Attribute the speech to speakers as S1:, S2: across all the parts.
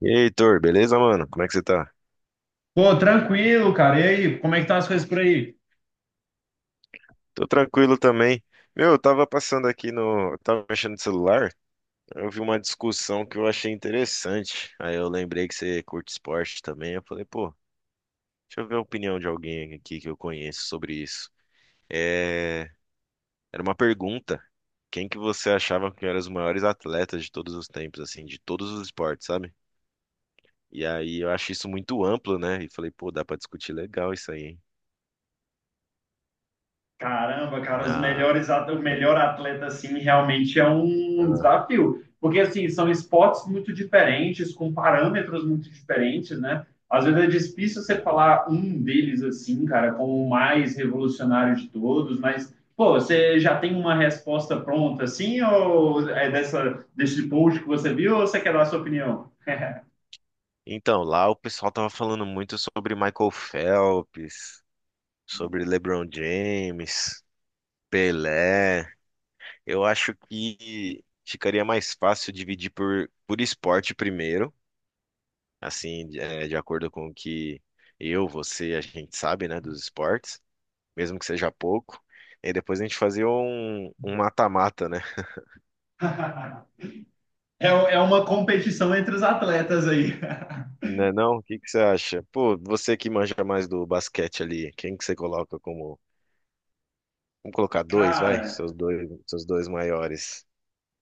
S1: E aí, Heitor, beleza, mano? Como é que você tá?
S2: Pô, tranquilo, cara. E aí, como é que estão as coisas por aí?
S1: Tô tranquilo também. Meu, eu tava passando aqui no. eu Tava mexendo no celular, eu vi uma discussão que eu achei interessante. Aí eu lembrei que você curte esporte também. Eu falei, pô, deixa eu ver a opinião de alguém aqui que eu conheço sobre isso. É... Era uma pergunta. Quem que você achava que eram os maiores atletas de todos os tempos, assim, de todos os esportes, sabe? E aí eu acho isso muito amplo, né? E falei, pô, dá pra discutir legal isso aí, hein?
S2: Caramba, cara, os
S1: Na.
S2: melhores, o
S1: Bem,
S2: melhor atleta, assim, realmente é um
S1: ah,
S2: desafio. Porque, assim, são esportes muito diferentes, com parâmetros muito diferentes, né? Às vezes é difícil você
S1: muito.
S2: falar um deles, assim, cara, como o mais revolucionário de todos, mas, pô, você já tem uma resposta pronta, assim, ou é desse post que você viu, ou você quer dar a sua opinião?
S1: Então, lá o pessoal tava falando muito sobre Michael Phelps, sobre LeBron James, Pelé. Eu acho que ficaria mais fácil dividir por esporte primeiro, assim, de acordo com o que eu, você, a gente sabe, né, dos esportes, mesmo que seja pouco. E depois a gente fazia um mata-mata, né?
S2: É, é uma competição entre os atletas aí.
S1: Não é não? O que que você acha? Pô, você que manja mais do basquete ali, quem que você coloca como... Vamos colocar dois, vai?
S2: Cara,
S1: Seus dois maiores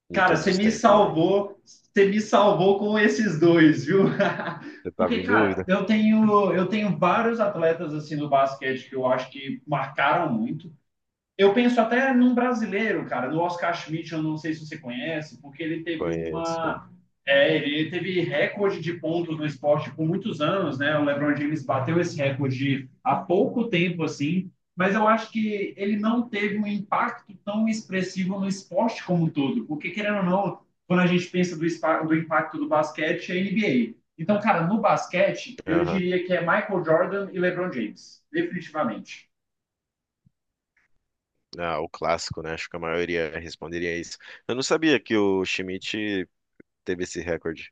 S1: de
S2: cara,
S1: todos os tempos ali.
S2: você me salvou com esses dois, viu?
S1: Você
S2: Porque,
S1: tava em
S2: cara,
S1: dúvida?
S2: eu tenho vários atletas assim do basquete que eu acho que marcaram muito. Eu penso até num brasileiro, cara, no Oscar Schmidt, eu não sei se você conhece, porque ele teve
S1: Conheço.
S2: uma. É, ele teve recorde de pontos no esporte por muitos anos, né? O LeBron James bateu esse recorde há pouco tempo, assim, mas eu acho que ele não teve um impacto tão expressivo no esporte como um todo, porque, querendo ou não, quando a gente pensa do do impacto do basquete, é NBA. Então, cara, no basquete, eu
S1: Aham.
S2: diria que é Michael Jordan e LeBron James, definitivamente.
S1: Ah, o clássico, né? Acho que a maioria responderia isso. Eu não sabia que o Schmidt teve esse recorde.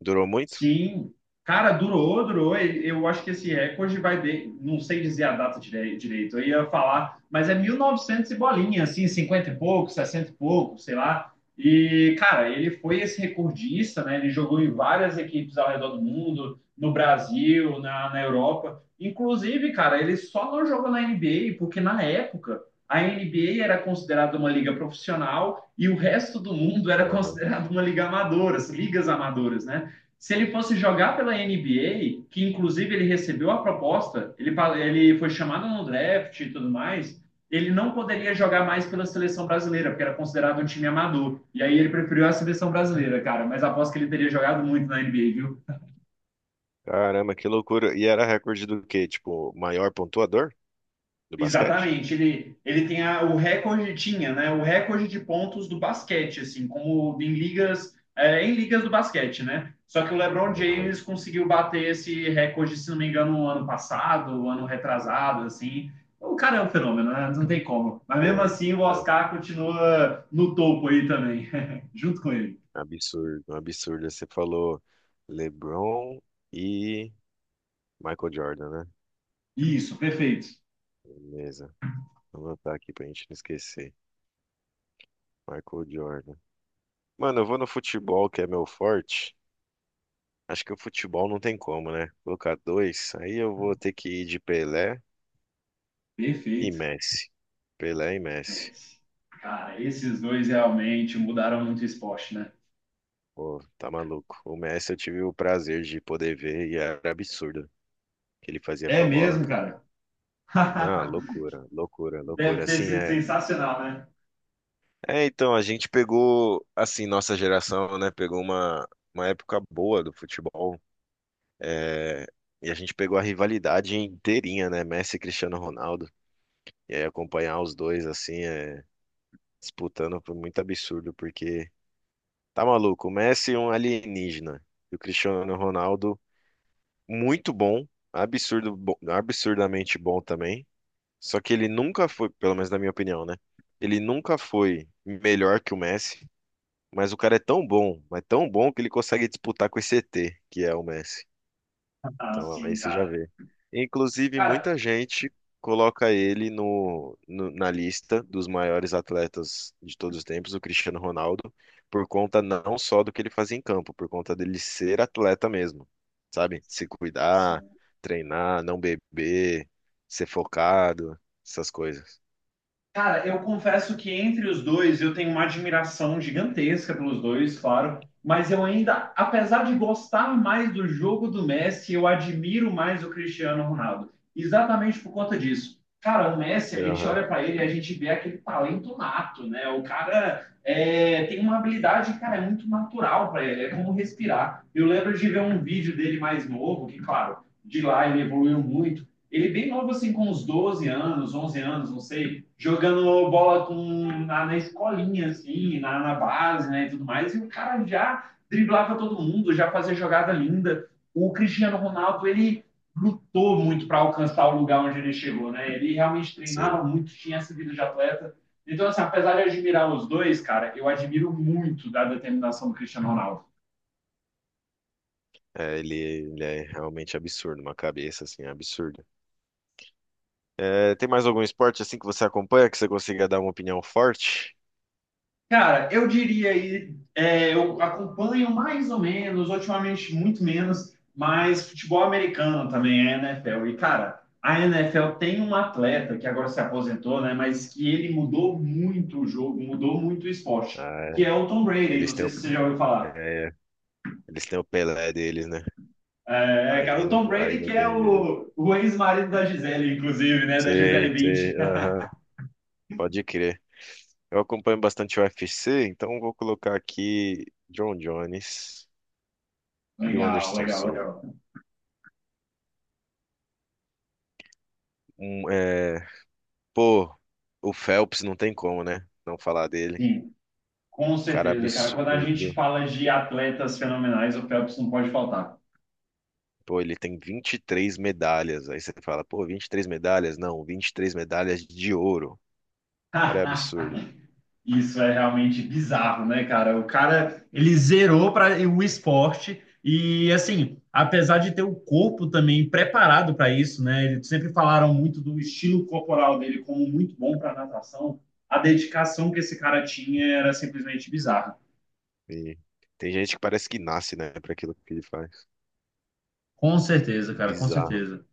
S1: Durou muito?
S2: Sim, cara, durou, durou. E eu acho que esse recorde vai de, não sei dizer a direito. Eu ia falar, mas é 1900 e novecentos e bolinha, assim, 50 e pouco, 60 e pouco, sei lá. E, cara, ele foi esse recordista, né? Ele jogou em várias equipes ao redor do mundo, no Brasil, na Europa. Inclusive, cara, ele só não jogou na NBA porque na época a NBA era considerada uma liga profissional e o resto do mundo era
S1: Aham.
S2: considerado uma liga amadora, as ligas amadoras, né? Se ele fosse jogar pela NBA, que inclusive ele recebeu a proposta, ele foi chamado no draft e tudo mais, ele não poderia jogar mais pela seleção brasileira, porque era considerado um time amador. E aí ele preferiu a seleção brasileira, cara. Mas aposto que ele teria jogado muito na NBA, viu?
S1: Caramba, que loucura. E era recorde do quê? Tipo, maior pontuador do basquete?
S2: Exatamente, ele tem o recorde, tinha, né, o recorde de pontos do basquete, assim, como em ligas, é, em ligas do basquete, né? Só que o LeBron
S1: Aham.
S2: James conseguiu bater esse recorde, se não me engano, no ano passado, ano retrasado, assim. O cara é um fenômeno, né? Não tem como. Mas mesmo
S1: Pô,
S2: assim, o
S1: né?
S2: Oscar continua no topo aí também, junto com ele.
S1: Absurdo, um absurdo. Você falou LeBron e Michael Jordan, né?
S2: Isso, perfeito.
S1: Beleza. Vou anotar aqui pra gente não esquecer. Michael Jordan. Mano, eu vou no futebol, que é meu forte. Acho que o futebol não tem como, né? Colocar dois, aí eu vou ter que ir de Pelé e
S2: Perfeito.
S1: Messi. Pelé e Messi.
S2: Esse. Cara, esses dois realmente mudaram muito o esporte, né?
S1: Pô, tá maluco. O Messi eu tive o prazer de poder ver e era absurdo o que ele fazia com
S2: É
S1: a bola,
S2: mesmo,
S1: pô.
S2: cara.
S1: Não, loucura, loucura, loucura.
S2: Deve ter
S1: Assim,
S2: sido
S1: é.
S2: sensacional, né?
S1: É, então, a gente pegou, assim, nossa geração, né? Pegou uma época boa do futebol. É, e a gente pegou a rivalidade inteirinha, né? Messi e Cristiano Ronaldo. E aí acompanhar os dois assim, é, disputando foi muito absurdo, porque tá maluco, o Messi é um alienígena. E o Cristiano Ronaldo, muito bom, absurdo, absurdamente bom também. Só que ele nunca foi, pelo menos na minha opinião, né? Ele nunca foi melhor que o Messi, mas o cara é tão bom, mas tão bom que ele consegue disputar com esse ET, que é o Messi.
S2: Ah,
S1: Então aí
S2: sim,
S1: você já
S2: cara.
S1: vê. Inclusive, muita
S2: Cara,
S1: gente coloca ele na lista dos maiores atletas de todos os tempos, o Cristiano Ronaldo, por conta não só do que ele fazia em campo, por conta dele ser atleta mesmo, sabe? Se
S2: sim,
S1: cuidar,
S2: sim.
S1: treinar, não beber, ser focado, essas coisas.
S2: Cara, eu confesso que entre os dois eu tenho uma admiração gigantesca pelos dois, claro, mas eu ainda, apesar de gostar mais do jogo do Messi, eu admiro mais o Cristiano Ronaldo. Exatamente por conta disso. Cara, o Messi, a gente
S1: Aham.
S2: olha para ele e a gente vê aquele talento nato, né? O cara é, tem uma habilidade, cara, é muito natural para ele, é como respirar. Eu lembro de ver um vídeo dele mais novo, que, claro, de lá ele evoluiu muito ele bem novo, assim, com uns 12 anos, 11 anos, não sei, jogando bola na escolinha, assim, na base, né, e tudo mais. E o cara já driblava todo mundo, já fazia jogada linda. O Cristiano Ronaldo, ele lutou muito para alcançar o lugar onde ele chegou, né? Ele realmente treinava
S1: Sim,
S2: muito, tinha essa vida de atleta. Então, assim, apesar de admirar os dois, cara, eu admiro muito da determinação do Cristiano Ronaldo.
S1: é, ele é realmente absurdo, uma cabeça assim, absurda. É, tem mais algum esporte assim que você acompanha que você consiga dar uma opinião forte?
S2: Cara, eu diria aí, é, eu acompanho mais ou menos, ultimamente muito menos, mas futebol americano também, é NFL. E, cara, a NFL tem um atleta que agora se aposentou, né? Mas que ele mudou muito o jogo, mudou muito o esporte,
S1: Ah,
S2: que é o Tom Brady. Não
S1: eles têm
S2: sei
S1: o,
S2: se você já ouviu falar.
S1: é, eles têm o Pelé deles, né?
S2: É, é, cara, o Tom
S1: Aí
S2: Brady, que
S1: não
S2: é
S1: tem jeito.
S2: o ex-marido da Gisele, inclusive, né? Da Gisele
S1: Sei, sei,
S2: Bündchen.
S1: aham, pode crer. Eu acompanho bastante o UFC, então vou colocar aqui John Jones e o
S2: Legal,
S1: Anderson
S2: legal,
S1: Silva.
S2: legal.
S1: Um, é, pô, o Phelps não tem como, né? Não falar dele.
S2: Sim. Com
S1: Cara
S2: certeza, cara. Quando a gente
S1: absurdo.
S2: fala de atletas fenomenais, o Phelps não pode faltar.
S1: Pô, ele tem 23 medalhas. Aí você fala, pô, 23 medalhas? Não, 23 medalhas de ouro. Cara, é absurdo.
S2: Isso é realmente bizarro, né, cara? O cara, ele zerou para o esporte e, assim, apesar de ter o corpo também preparado para isso, né? Eles sempre falaram muito do estilo corporal dele como muito bom para natação. A dedicação que esse cara tinha era simplesmente bizarra.
S1: E tem gente que parece que nasce, né, para aquilo que ele faz.
S2: Com certeza, cara, com
S1: Bizarro,
S2: certeza.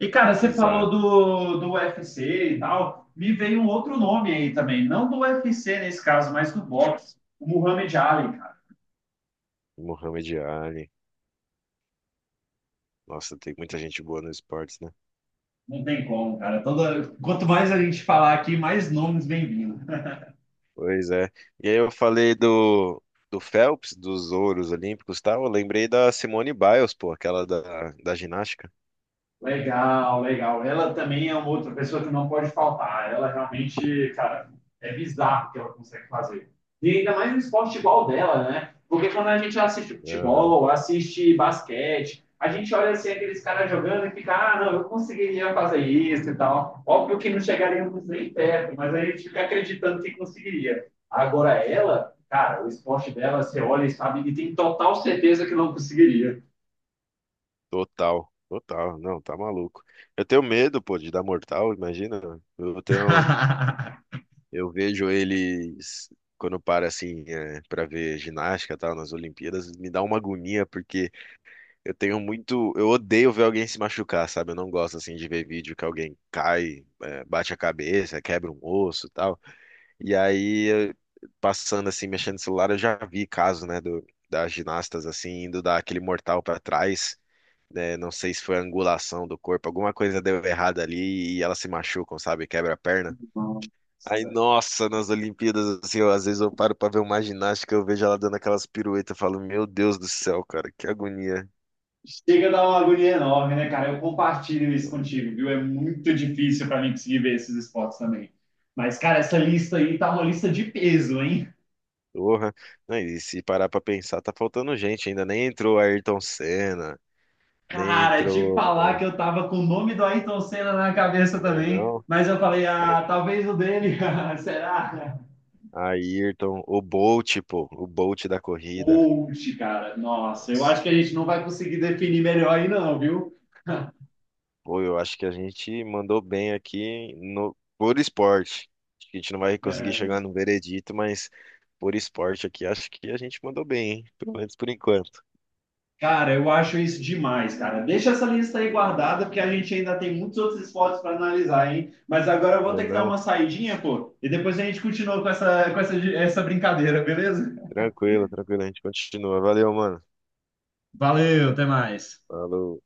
S2: E, cara, você falou
S1: bizarro.
S2: do UFC e tal. Me veio um outro nome aí também. Não do UFC nesse caso, mas do boxe. O Muhammad Ali, cara.
S1: Um Muhammad Ali. Nossa, tem muita gente boa no esportes, né?
S2: Não tem como, cara. Toda... Quanto mais a gente falar aqui, mais nomes bem-vindos.
S1: Pois é. E aí eu falei do Phelps, dos ouros olímpicos, tal. Eu lembrei da Simone Biles, pô, aquela da ginástica.
S2: Legal, legal. Ela também é uma outra pessoa que não pode faltar. Ela realmente, cara, é bizarro o que ela consegue fazer. E ainda mais um esporte igual dela, né? Porque quando a gente assiste
S1: Aham.
S2: futebol, assiste basquete, a gente olha assim aqueles caras jogando e fica, ah, não, eu conseguiria fazer isso e tal. Óbvio que não chegaríamos nem perto, mas a gente fica acreditando que conseguiria. Agora ela, cara, o esporte dela, você olha e sabe que tem total certeza que não conseguiria.
S1: Total, total. Não, tá maluco. Eu tenho medo, pô, de dar mortal, imagina. Eu tenho, eu vejo eles quando eu paro assim, é, para ver ginástica, tal, nas Olimpíadas, me dá uma agonia porque... Eu tenho muito. Eu odeio ver alguém se machucar, sabe? Eu não gosto assim de ver vídeo que alguém cai, é, bate a cabeça, quebra um osso e tal. E aí, passando assim, mexendo no celular, eu já vi caso, né, das ginastas assim, indo dar aquele mortal pra trás, né? Não sei se foi a angulação do corpo, alguma coisa deu errada ali e elas se machucam, sabe? Quebra a perna. Aí,
S2: Nossa.
S1: nossa, nas Olimpíadas, assim, eu, às vezes eu paro pra ver uma ginástica, eu vejo ela dando aquelas piruetas, eu falo, meu Deus do céu, cara, que agonia.
S2: Chega a dar uma agonia enorme, né, cara? Eu compartilho isso contigo, viu? É muito difícil para mim conseguir ver esses esportes também. Mas, cara, essa lista aí tá uma lista de peso, hein?
S1: Porra. Não, e se parar pra pensar, tá faltando gente ainda. Nem entrou Ayrton Senna, nem
S2: Cara, te falar
S1: entrou.
S2: que eu tava com o nome do Ayrton Senna na cabeça
S1: Né,
S2: também,
S1: não?
S2: mas eu falei,
S1: Ay-
S2: ah, talvez o dele, será?
S1: Ayrton, o Bolt, pô, o Bolt da corrida.
S2: Coach, cara, nossa, eu
S1: Nossa.
S2: acho que a gente não vai conseguir definir melhor aí não, viu?
S1: Pô, eu acho que a gente mandou bem aqui no, por esporte. Acho que a gente não vai conseguir chegar
S2: É.
S1: no veredito, mas por esporte aqui, acho que a gente mandou bem, hein? Pelo menos por enquanto.
S2: Cara, eu acho isso demais, cara. Deixa essa lista aí guardada, porque a gente ainda tem muitos outros esportes para analisar, hein? Mas agora eu vou
S1: Né,
S2: ter que dar uma
S1: não?
S2: saidinha, pô, e depois a gente continua com essa essa brincadeira, beleza?
S1: Tranquilo, tranquilo, a gente continua. Valeu, mano.
S2: Valeu, até mais.
S1: Falou.